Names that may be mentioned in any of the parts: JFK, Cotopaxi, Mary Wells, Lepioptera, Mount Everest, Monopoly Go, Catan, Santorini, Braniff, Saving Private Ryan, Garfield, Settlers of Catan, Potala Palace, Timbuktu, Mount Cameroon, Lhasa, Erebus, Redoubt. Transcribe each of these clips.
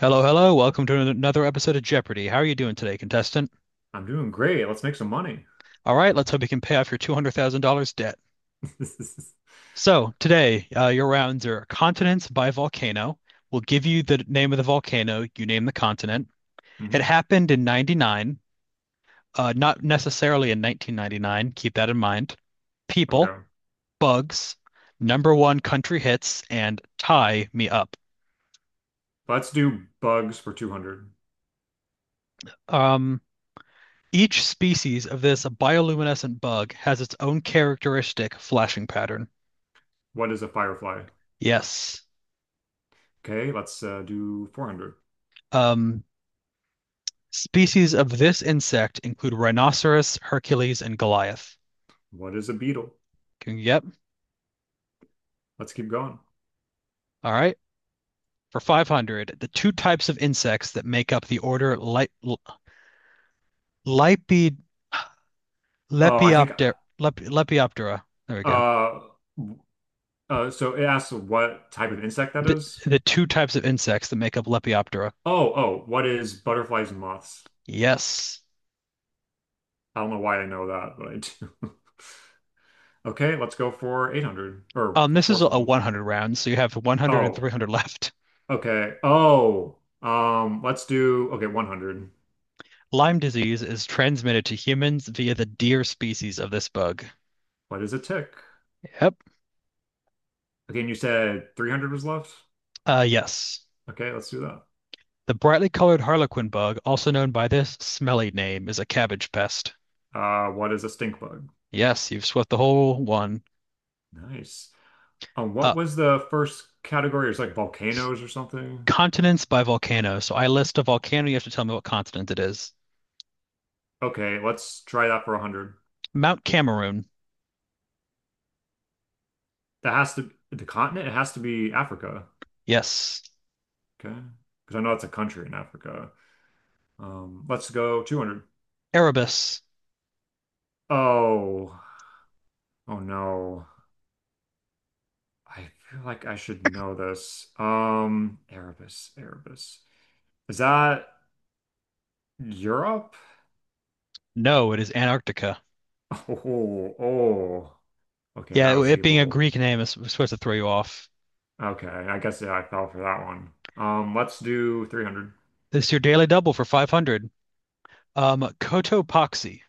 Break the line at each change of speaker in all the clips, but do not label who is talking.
Hello, hello. Welcome to another episode of Jeopardy. How are you doing today, contestant?
I'm doing great. Let's make some money.
All right, let's hope you can pay off your $200,000 debt. So, today, your rounds are Continents by Volcano. We'll give you the name of the volcano, you name the continent. It
hmm
happened in 99, not necessarily in 1999, keep that in mind. People,
Okay.
bugs, number one country hits, and tie me up.
Let's do bugs for 200.
Um, each species of this bioluminescent bug has its own characteristic flashing pattern.
What is a firefly?
Yes.
Okay, let's do 400.
Um, Species of this insect include rhinoceros, Hercules, and Goliath.
What is a beetle?
Can you get?
Let's keep going.
All right. For 500, the two types of insects that make up the order Li- L- Lipid
Oh, I think
Lepiopter Lep Lepioptera. There we go.
uh, so it asks what type of insect that
The,
is.
the two types of insects that make up Lepioptera.
Oh, oh, what is butterflies and moths?
Yes.
I don't know why I know that, but I do. Okay, let's go for 800 or the
This is
fourth
a
one.
100 round, so you have one hundred and three
Oh,
hundred left.
okay. Oh, let's do okay, 100.
Lyme disease is transmitted to humans via the deer species of this bug.
What is a tick?
Yep.
Again, you said 300 was left?
Yes.
Okay, let's do that.
The brightly colored harlequin bug, also known by this smelly name, is a cabbage pest.
What is a stink bug?
Yes, you've swept the whole one
Nice. What
up.
was the first category? It was like volcanoes or something.
Continents by volcano. So I list a volcano, you have to tell me what continent it is.
Okay, let's try that for 100.
Mount Cameroon.
That has to the continent, it has to be Africa.
Yes.
Okay. Because I know it's a country in Africa. Let's go 200.
Erebus.
Oh, oh no. I feel like I should know this. Erebus, Erebus. Is that Europe?
No, it is Antarctica.
Oh, oh. Okay, that
Yeah, it,
was
it being a
evil.
Greek name is supposed to throw you off.
Okay, I guess yeah, I fell for that one. Let's do 300.
This is your daily double for 500. Cotopaxi.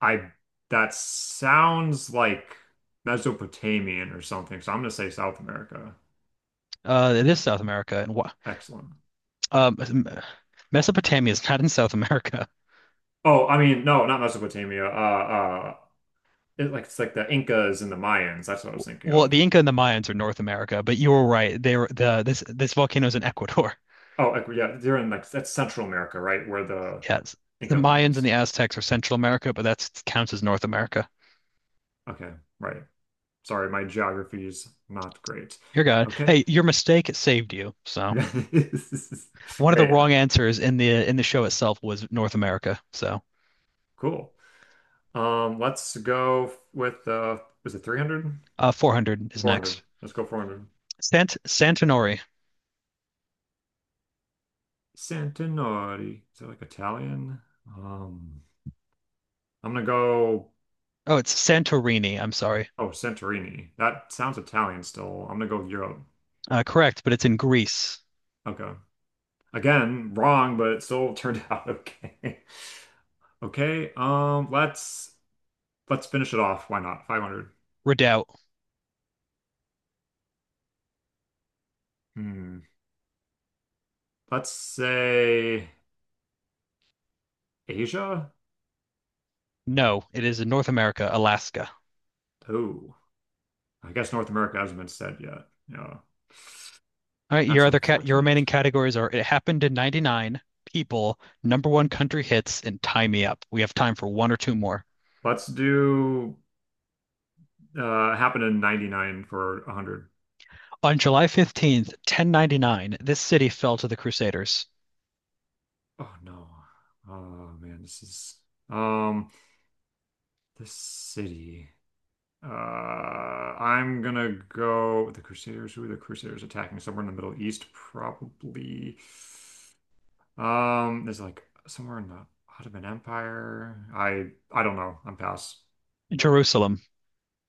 I That sounds like Mesopotamian or something, so I'm gonna say South America.
It is South America. And what?
Excellent.
Um, Mesopotamia is not in South America.
Oh, I mean, no, not Mesopotamia. It, like it's like the Incas and the Mayans. That's what I was thinking
Well,
of.
the Inca and the Mayans are North America, but you were right. They were the this this volcano is in Ecuador.
Oh, like, yeah, they're in like that's Central America, right? Where the
Yes. The
Inca and
Mayans and
Mayans.
the Aztecs are Central America, but that counts as North America.
Okay, right. Sorry, my geography is not great.
You're good.
Okay.
Hey, your mistake saved you. So
This is
one of the
Great.
wrong answers in the show itself was North America. So
Cool. Let's go with was it 300?
400 is
400.
next.
Let's go 400.
Santinori.
Santinori. Is that like Italian? Um, I'm gonna go
Oh, it's Santorini. I'm sorry.
oh, Santorini. That sounds Italian still. I'm gonna go Europe.
Correct, but it's in Greece.
Okay. Again, wrong, but it still turned out okay. Okay. Let's finish it off. Why not? 500.
Redoubt.
Hmm. Let's say Asia.
No, it is in North America, Alaska.
Oh. I guess North America hasn't been said yet. Yeah,
All right,
that's
your remaining
unfortunate.
categories are It Happened in 99, People, Number One Country Hits, and Tie Me Up. We have time for one or two more.
Let's do happened in 99 for 100.
On July 15th, 1099, this city fell to the Crusaders.
Oh no. Oh man, this is um this city. I'm gonna go with the Crusaders. Who are the Crusaders attacking? Somewhere in the Middle East, probably. There's like somewhere in the Ottoman Empire. I don't know. I'm pass.
Jerusalem.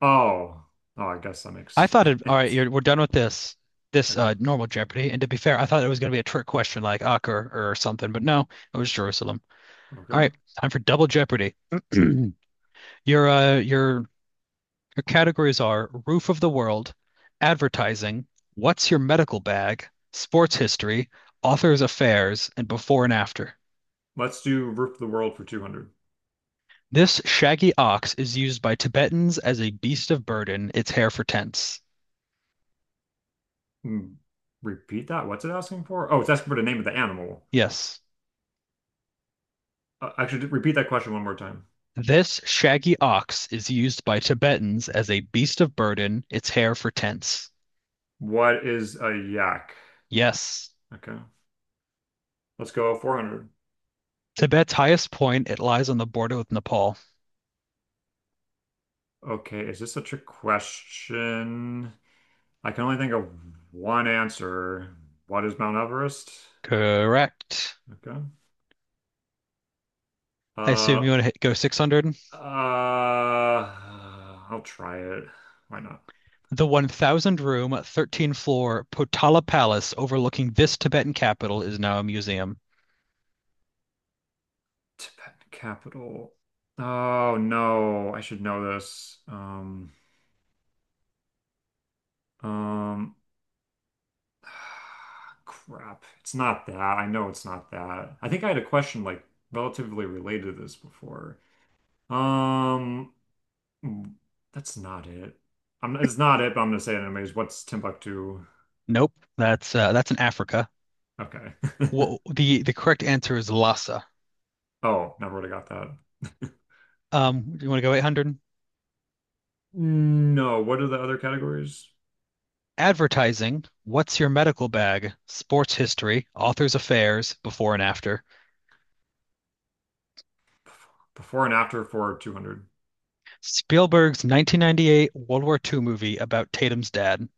Oh, oh, I guess that makes
All right,
sense.
we're done with this, this
Okay,
uh, normal Jeopardy. And to be fair, I thought it was going to be a trick question like Acre or something, but no, it was Jerusalem. All
okay.
right, time for Double Jeopardy. Your Her categories are Roof of the World, Advertising, What's Your Medical Bag, Sports History, Author's Affairs, and Before and After.
Let's do Roof of the World for 200.
This shaggy ox is used by Tibetans as a beast of burden, its hair for tents.
Hmm, Repeat that. What's it asking for? Oh, it's asking for the name of the animal.
Yes.
Actually, repeat that question one more time.
This shaggy ox is used by Tibetans as a beast of burden, its hair for tents.
What is a yak?
Yes.
Okay. Let's go 400.
Tibet's highest point, it lies on the border with Nepal.
Okay. Is this such a question? I can only think of one answer. What is Mount Everest?
Correct.
Okay.
I assume
Uh,
you want to hit, go 600?
uh, I'll try it. Why not?
The 1,000 room, 13 floor Potala Palace overlooking this Tibetan capital is now a museum.
Tibetan capital. Oh no, I should know this. Um, crap. It's not that. I know it's not that. I think I had a question like relatively related to this before. Um, mm, that's not it. I'm, it's not it, but I'm gonna say it anyways. What's Timbuktu?
Nope, that's in Africa.
Okay.
Wha the correct answer is Lhasa.
Oh, never would have got that.
Do you want to go 800?
No, what are the other categories?
Advertising, what's your medical bag? Sports history, author's affairs, before and after.
Before and after for 200.
Spielberg's 1998 World War II movie about Tatum's dad.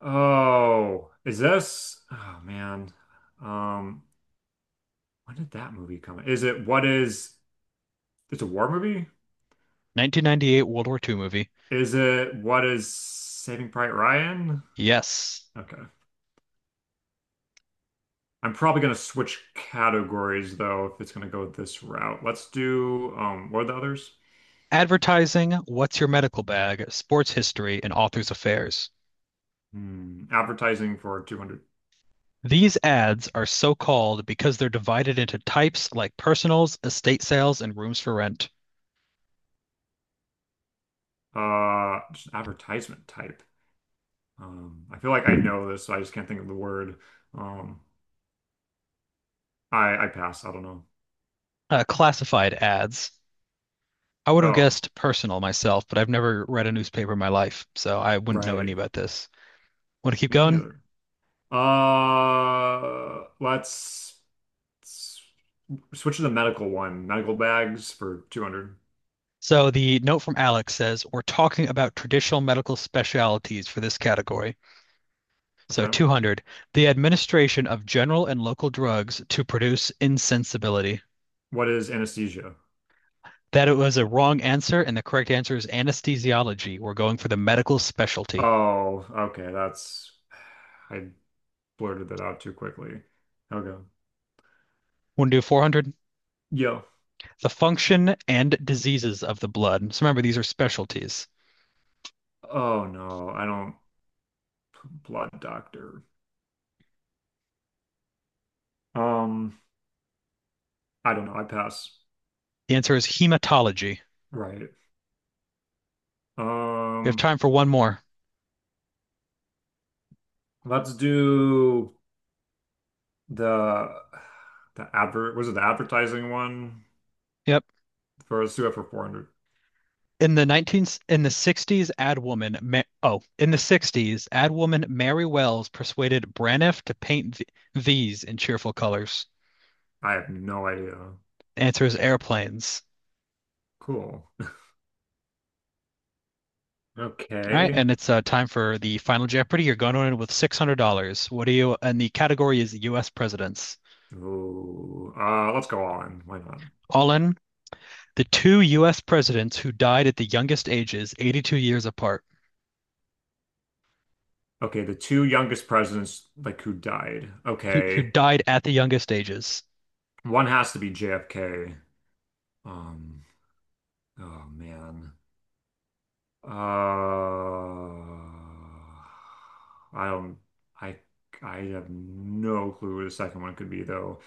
Oh, is this? Oh man. Um, when did that movie come? Is it what is It's a war movie?
1998 World War II movie.
Is it what is Saving Private Ryan?
Yes.
Okay. I'm probably gonna switch categories though if it's gonna go this route. Let's do what are the others?
Advertising, What's Your Medical Bag, Sports History, and Authors Affairs.
Hmm, advertising for 200.
These ads are so called because they're divided into types like personals, estate sales, and rooms for rent.
Just advertisement type. I feel like I know this, so I just can't think of the word. Um, I pass. I don't know.
Classified ads. I would have
Oh,
guessed personal myself, but I've never read a newspaper in my life, so I wouldn't know any
right.
about this. Want to keep
Me
going?
neither. Uh, let's s- Switch to the medical one. Medical bags for 200.
So the note from Alex says, we're talking about traditional medical specialties for this category. So
Okay.
200, the administration of general and local drugs to produce insensibility.
What is anesthesia?
That it was a wrong answer, and the correct answer is anesthesiology. We're going for the medical specialty.
Oh, okay. That's I blurted that out too quickly. Okay.
Want to do 400?
Yo.
The function and diseases of the blood. So remember, these are specialties.
Oh no, I don't blood doctor. Um, I don't know. I pass.
The answer is hematology.
Right.
We have
Um,
time for one more.
let's do the the advert. Was it the advertising one?
Yep.
For let's do it for 400.
In the 60s, ad woman, Ma oh, in the 60s, ad woman Mary Wells persuaded Braniff to paint th these in cheerful colors.
I have no idea.
Answer is airplanes.
Cool.
All right,
Okay.
and it's time for the final Jeopardy. You're going in with $600. And the category is US presidents.
Ooh. Let's go all in. Why not?
All in, the two US presidents who died at the youngest ages, 82 years apart,
Okay, the two youngest presidents like who died.
who
Okay.
died at the youngest ages.
One has to be JFK. Um, oh man. Uh, I don't I I have no clue who the second one could be though.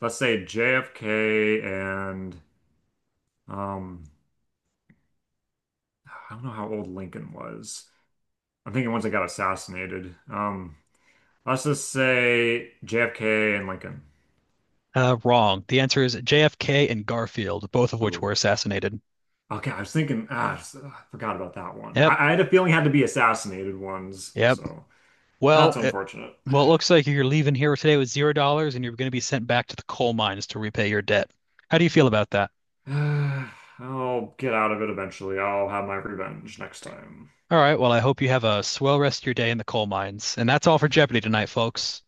Let's say JFK and um I don't know how old Lincoln was. I'm thinking once I got assassinated. Let's just say JFK and Lincoln.
Wrong. The answer is JFK and Garfield, both of which were
Ooh.
assassinated.
Okay, I was thinking, ah, forgot about that one.
Yep,
I had a feeling it had to be assassinated ones,
yep.
so
Well,
that's
it,
unfortunate.
well, it looks like you're leaving here today with $0 and you're going to be sent back to the coal mines to repay your debt. How do you feel about that?
I'll get out of it eventually. I'll have my revenge next time.
All right, well, I hope you have a swell rest of your day in the coal mines. And that's all for Jeopardy tonight, folks.